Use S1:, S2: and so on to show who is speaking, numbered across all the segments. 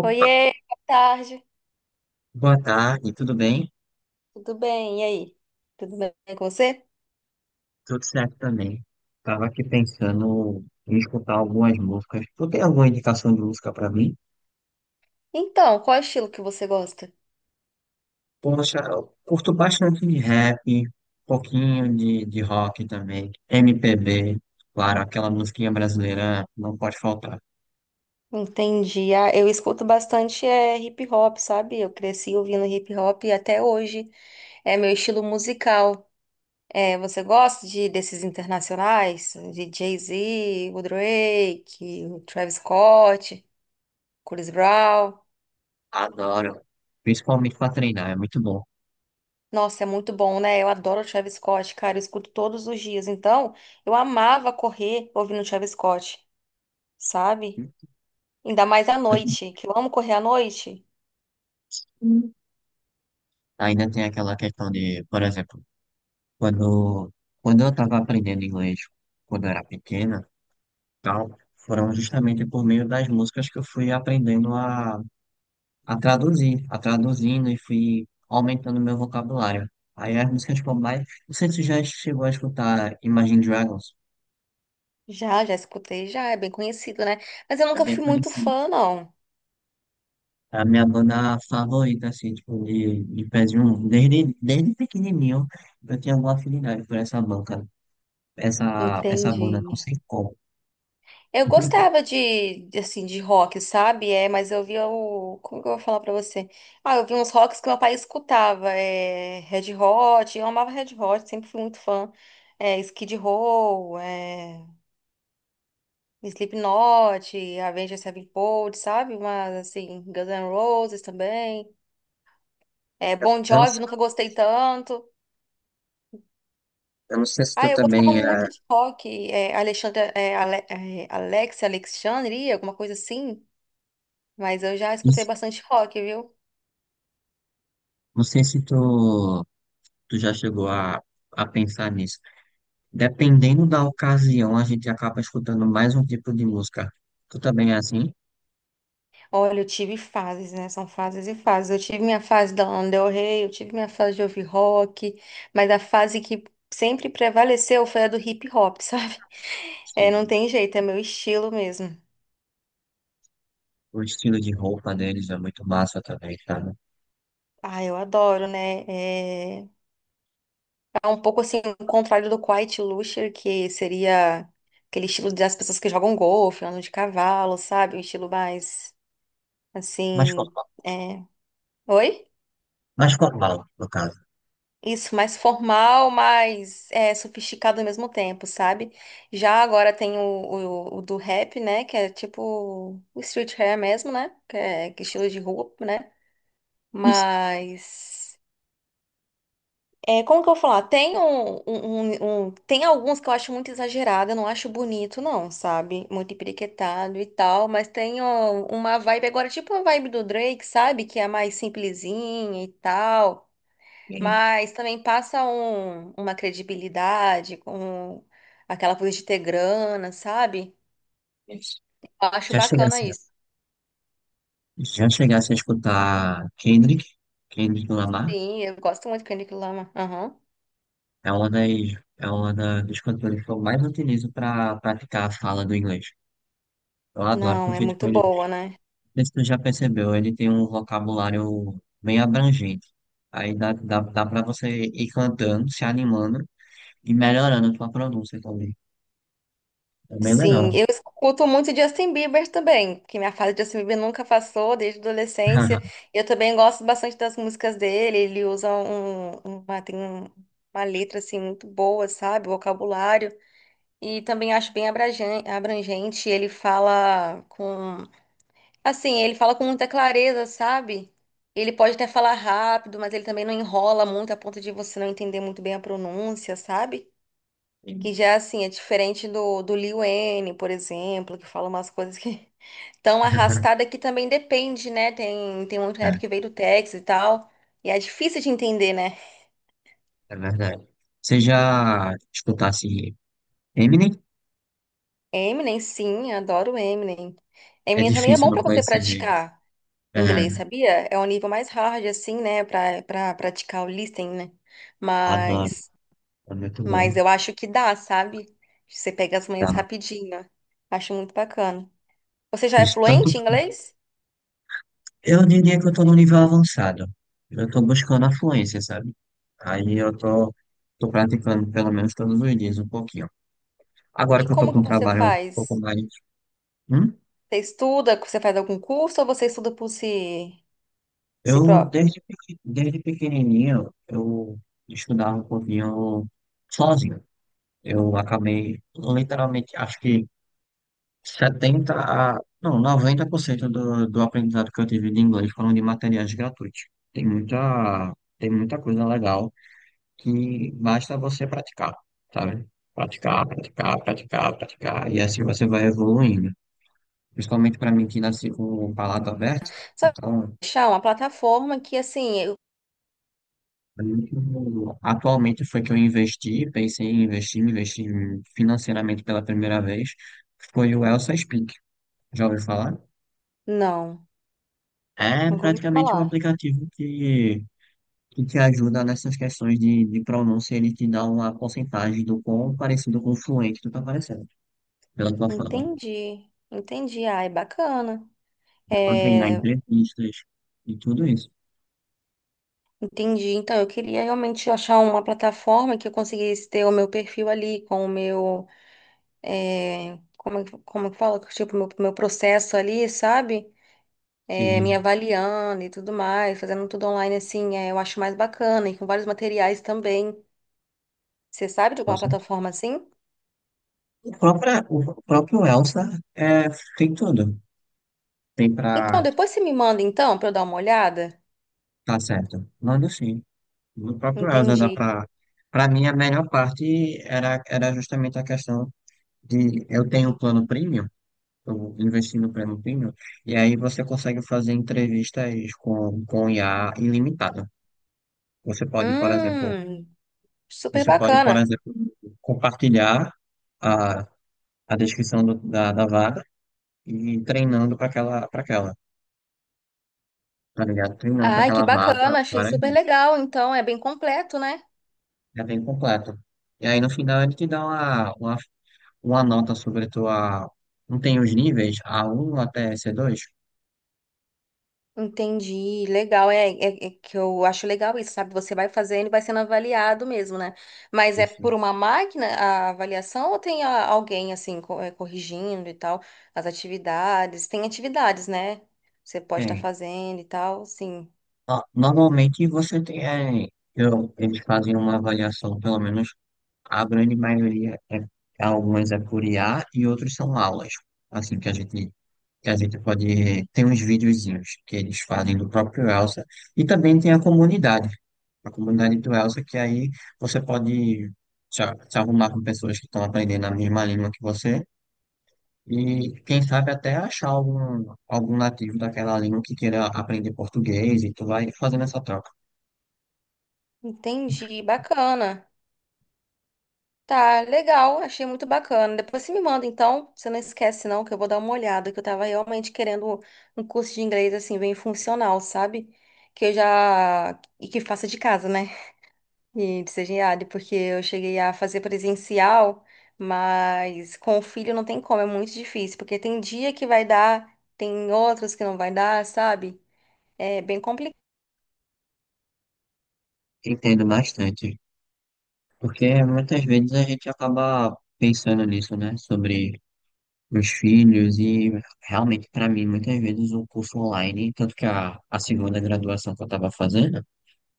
S1: Opa,
S2: Oiê, boa tarde.
S1: boa tarde, tudo bem?
S2: Tudo bem? E aí? Tudo bem com você?
S1: Tudo certo também. Tava aqui pensando em escutar algumas músicas. Tu tem alguma indicação de música pra mim?
S2: Então, qual é o estilo que você gosta?
S1: Poxa, eu curto bastante de rap, um pouquinho de rock também, MPB, claro, aquela musiquinha brasileira não pode faltar.
S2: Entendi. Ah, eu escuto bastante hip hop, sabe? Eu cresci ouvindo hip hop e até hoje é meu estilo musical. É, você gosta de desses internacionais? De Jay-Z, o Drake, o Travis Scott, Chris Brown?
S1: Adoro, principalmente pra treinar, é muito bom.
S2: Nossa, é muito bom, né? Eu adoro o Travis Scott, cara. Eu escuto todos os dias. Então, eu amava correr ouvindo o Travis Scott, sabe? Ainda mais à noite, que eu amo correr à noite.
S1: Ainda tem aquela questão de, por exemplo, quando, quando eu estava aprendendo inglês, quando eu era pequena, tal, foram justamente por meio das músicas que eu fui aprendendo a traduzir, a traduzindo e fui aumentando meu vocabulário. Aí as músicas como mais. Não sei se você já chegou a escutar Imagine Dragons,
S2: Já escutei, já é bem conhecido, né? Mas eu
S1: é
S2: nunca
S1: bem
S2: fui muito
S1: conhecido.
S2: fã, não.
S1: É a minha banda favorita, assim, tipo, de pezinho. Desde pequenininho eu tinha alguma afinidade por essa banca, essa
S2: Entendi.
S1: banda, não sei como.
S2: Eu gostava de, assim, de rock, sabe? É, mas eu via o... Como que eu vou falar pra você? Ah, eu vi uns rocks que meu pai escutava. É, Red Hot, eu amava Red Hot, sempre fui muito fã. É, Skid Row, Slipknot, Avenged Sevenfold, sabe? Mas, assim, Guns N' Roses também. É,
S1: Eu
S2: Bon
S1: não,
S2: Jovi, nunca gostei tanto.
S1: eu não sei se
S2: Ah,
S1: tu
S2: eu gostava
S1: também é.
S2: muito de rock, é, Alexandre, Alex, Alexandre, alguma coisa assim, mas eu já escutei bastante rock, viu?
S1: Não sei se tu. Tu já chegou a pensar nisso? Dependendo da ocasião, a gente acaba escutando mais um tipo de música. Tu também é assim?
S2: Olha, eu tive fases, né? São fases e fases. Eu tive minha fase da Lana Del Rey, eu tive minha fase de ouvir rock, mas a fase que sempre prevaleceu foi a do hip hop, sabe? É, não
S1: Sim.
S2: tem jeito, é meu estilo mesmo.
S1: O estilo de roupa deles é muito massa também, sabe?
S2: Ah, eu adoro, né? É um pouco assim, o contrário do quiet luxury, que seria aquele estilo das pessoas que jogam golfe, andam de cavalo, sabe? Um estilo mais,
S1: Mais
S2: assim,
S1: formal.
S2: é... Oi?
S1: Mais formal, no caso.
S2: Isso, mais formal, mais sofisticado ao mesmo tempo, sabe? Já agora tem o do rap, né? Que é tipo o street hair mesmo, né? Que é estilo de roupa, né?
S1: Isso.
S2: Mas... É, como que eu vou falar? Tem um, um- um- um- tem alguns que eu acho muito exagerado, eu não acho bonito, não, sabe? Muito empiriquetado e tal, mas tem ó, uma vibe agora, tipo a vibe do Drake, sabe? Que é mais simplesinha e tal, mas também passa uma credibilidade com aquela coisa de ter grana, sabe? Eu acho
S1: Já
S2: bacana
S1: chegasse,
S2: isso.
S1: já chegasse a escutar Kendrick, Kendrick Lamar,
S2: Sim, eu gosto muito de Kendrick Lamar. Aham.
S1: é uma das, é uma da, dos cantores que eu mais utilizo para praticar a fala do inglês. Eu adoro,
S2: Não, é
S1: porque tipo,
S2: muito
S1: ele.
S2: boa, né?
S1: Não sei se tu já percebeu, ele tem um vocabulário bem abrangente. Aí dá para você ir cantando, se animando e melhorando a tua pronúncia também. É bem
S2: Sim,
S1: legal.
S2: eu escuto muito Justin Bieber também, porque minha fase de Justin Bieber nunca passou desde a adolescência. Eu também gosto bastante das músicas dele, ele usa tem uma letra assim muito boa, sabe? Vocabulário. E também acho bem abrangente, ele fala com muita clareza, sabe? Ele pode até falar rápido, mas ele também não enrola muito a ponto de você não entender muito bem a pronúncia, sabe? Que já, assim, é diferente do Lil Wayne, por exemplo, que fala umas coisas que tão arrastada que também depende, né? Tem muito
S1: É,
S2: rap que veio do Texas e tal. E é difícil de entender, né?
S1: é verdade. Você já escutasse Eminem?
S2: Eminem, sim, adoro Eminem.
S1: É
S2: Eminem também é
S1: difícil
S2: bom
S1: não
S2: pra você
S1: conhecer ele.
S2: praticar
S1: É,
S2: inglês, sabia? É um nível mais hard, assim, né? Pra praticar o listening, né?
S1: adoro.
S2: Mas,
S1: É muito
S2: mas
S1: bom.
S2: eu acho que dá, sabe? Você pega as
S1: Tá.
S2: manhas rapidinho. Acho muito bacana. Você já
S1: Por
S2: é
S1: isso, tanto,
S2: fluente em inglês?
S1: eu diria que eu tô no nível avançado. Eu tô buscando a fluência, sabe? Aí eu tô praticando pelo menos todos os dias um pouquinho. Agora
S2: E
S1: que eu tô
S2: como
S1: com
S2: que
S1: um
S2: você
S1: trabalho um pouco
S2: faz?
S1: mais. Hum?
S2: Você estuda, você faz algum curso ou você estuda por si
S1: Eu,
S2: próprio?
S1: desde pequenininho, eu estudava um pouquinho sozinho. Eu acabei, literalmente, acho que 70 a, não, 90% do aprendizado que eu tive de inglês foram de materiais gratuitos. Tem muita, tem muita coisa legal que basta você praticar, sabe? Praticar, praticar, praticar, praticar, e assim você vai evoluindo. Principalmente para mim que nasci com o palato aberto.
S2: Só que
S1: Então,
S2: achar uma plataforma que assim,
S1: muito. Atualmente foi que eu investi, pensei em investir, investi financeiramente pela primeira vez, foi o Elsa Speak. Já ouviu falar?
S2: não,
S1: É
S2: nunca ouvi
S1: praticamente um
S2: falar.
S1: aplicativo que te ajuda nessas questões de pronúncia, ele te dá uma porcentagem do quão parecido com o fluente tu tá parecendo, pela tua fala.
S2: Entendi, entendi. Ah, é bacana.
S1: Dá pra treinar
S2: É,
S1: entrevistas e tudo isso.
S2: entendi. Então, eu queria realmente achar uma plataforma que eu conseguisse ter o meu perfil ali, com o meu, como é que fala? Tipo, meu processo ali, sabe? Me
S1: Sim,
S2: avaliando e tudo mais, fazendo tudo online assim, eu acho mais bacana, e com vários materiais também. Você sabe de
S1: com
S2: alguma
S1: certeza.
S2: plataforma assim?
S1: O próprio, o próprio Elsa é, tem tudo. Tem
S2: Então,
S1: pra...
S2: depois você me manda então para eu dar uma olhada?
S1: Tá certo. Manda sim. No próprio Elza, dá
S2: Entendi.
S1: pra... Pra mim, a melhor parte era, era justamente a questão de eu tenho um plano premium, eu investi no plano premium, e aí você consegue fazer entrevistas com IA ilimitada. Você pode, por exemplo,
S2: Hum, super
S1: você pode, por
S2: bacana.
S1: exemplo, compartilhar a, a descrição do- da vaga e ir treinando para aquela, tá ligado? Treinando para
S2: Ai, que
S1: aquela vaga
S2: bacana, achei
S1: várias
S2: super
S1: vezes.
S2: legal. Então, é bem completo, né?
S1: É bem completo. E aí no final ele te dá uma nota sobre tua. Não tem os níveis? A1 até C2.
S2: Entendi, legal, é que eu acho legal isso, sabe? Você vai fazendo e vai sendo avaliado mesmo, né? Mas é
S1: Isso.
S2: por uma máquina a avaliação ou tem alguém assim corrigindo e tal as atividades? Tem atividades, né? Você pode estar
S1: Tem.
S2: fazendo e tal, sim.
S1: Ah, normalmente você tem. É, eu, eles fazem uma avaliação, pelo menos a grande maioria é. É, algumas é por IA e outros são aulas. Assim que a gente. Que a gente pode. Tem uns videozinhos que eles fazem do próprio Elsa. E também tem a comunidade. A comunidade do Elsa, que aí você pode. Se se arrumar com pessoas que estão aprendendo a mesma língua que você. E quem sabe até achar algum nativo daquela língua que queira aprender português e tu vai fazendo essa troca.
S2: Entendi, bacana. Tá, legal, achei muito bacana. Depois você me manda, então, você não esquece não, que eu vou dar uma olhada, que eu tava realmente querendo um curso de inglês assim bem funcional, sabe? Que eu já e que faça de casa, né? E de CGAD, porque eu cheguei a fazer presencial, mas com o filho não tem como, é muito difícil, porque tem dia que vai dar, tem outros que não vai dar, sabe? É bem complicado.
S1: Entendo bastante. Porque muitas vezes a gente acaba pensando nisso, né? Sobre os filhos e realmente para mim muitas vezes o curso online, tanto que a segunda graduação que eu estava fazendo,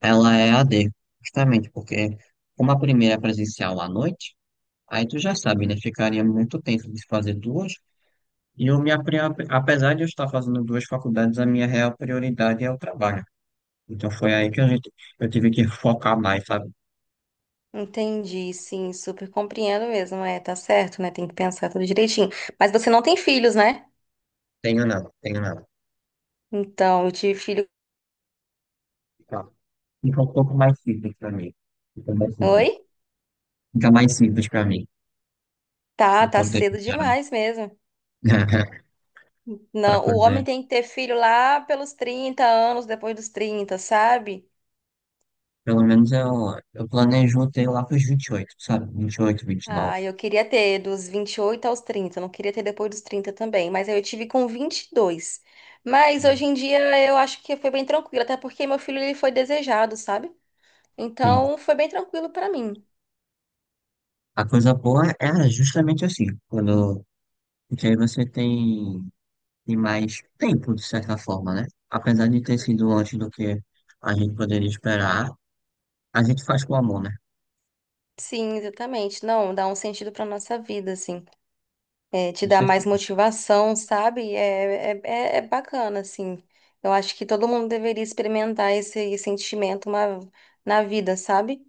S1: ela é a AD, justamente porque como a primeira é presencial à noite, aí tu já sabe, né? Ficaria muito tempo de fazer duas. E eu me apre- apesar de eu estar fazendo duas faculdades, a minha real prioridade é o trabalho. Então foi aí que a gente, eu tive que focar mais, sabe?
S2: Entendi, sim, super compreendo mesmo, tá certo, né? Tem que pensar tudo direitinho. Mas você não tem filhos, né?
S1: Tenho não, tenho não.
S2: Então, eu tive filho.
S1: Tá. Fica um pouco mais simples para mim. Fica mais simples.
S2: Oi?
S1: Fica mais simples para mim,
S2: Tá,
S1: no
S2: tá
S1: contexto
S2: cedo
S1: geral,
S2: demais mesmo.
S1: para
S2: Não, o homem
S1: fazer.
S2: tem que ter filho lá pelos 30 anos, depois dos 30, sabe?
S1: Pelo menos eu planejo ter lá para os 28, sabe? 20, 28, 29.
S2: Ah, eu queria ter dos 28 aos 30. Não queria ter depois dos 30 também, mas aí eu tive com 22. Mas hoje em dia eu acho que foi bem tranquilo, até porque meu filho ele foi desejado, sabe?
S1: Sim.
S2: Então foi bem tranquilo pra mim.
S1: A coisa boa é justamente assim, quando, porque aí você tem e mais tempo, de certa forma, né? Apesar de ter sido antes do que a gente poderia esperar, a gente faz com amor, né?
S2: Sim, exatamente. Não, dá um sentido pra nossa vida, assim. É, te
S1: Com
S2: dá mais
S1: certeza,
S2: motivação, sabe? É bacana, assim. Eu acho que todo mundo deveria experimentar esse sentimento na vida, sabe?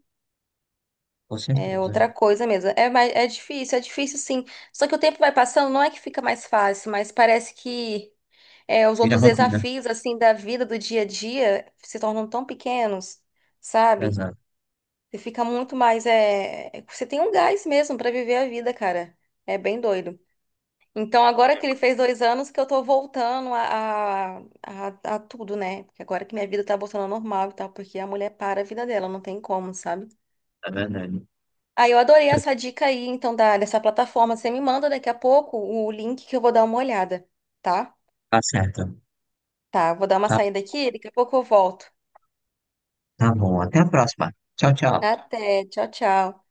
S1: com
S2: É
S1: certeza.
S2: outra coisa mesmo. É, é difícil sim. Só que o tempo vai passando, não é que fica mais fácil, mas parece que os
S1: Vira
S2: outros
S1: rotina.
S2: desafios, assim, da vida, do dia a dia, se tornam tão pequenos, sabe?
S1: Exato,
S2: Você fica muito mais, você tem um gás mesmo pra viver a vida, cara. É bem doido. Então, agora que ele fez 2 anos, que eu tô voltando a, a tudo, né? Porque agora que minha vida tá voltando ao normal e tal, porque a mulher para a vida dela, não tem como, sabe?
S1: é verdade.
S2: Ah, eu adorei essa dica aí, então, dessa plataforma. Você me manda daqui a pouco o link que eu vou dar uma olhada, tá?
S1: Tá certo.
S2: Tá, eu vou dar uma
S1: Tá,
S2: saída aqui, daqui a pouco eu volto.
S1: tá bom. Até a próxima. Tchau, tchau.
S2: Até, tchau, tchau.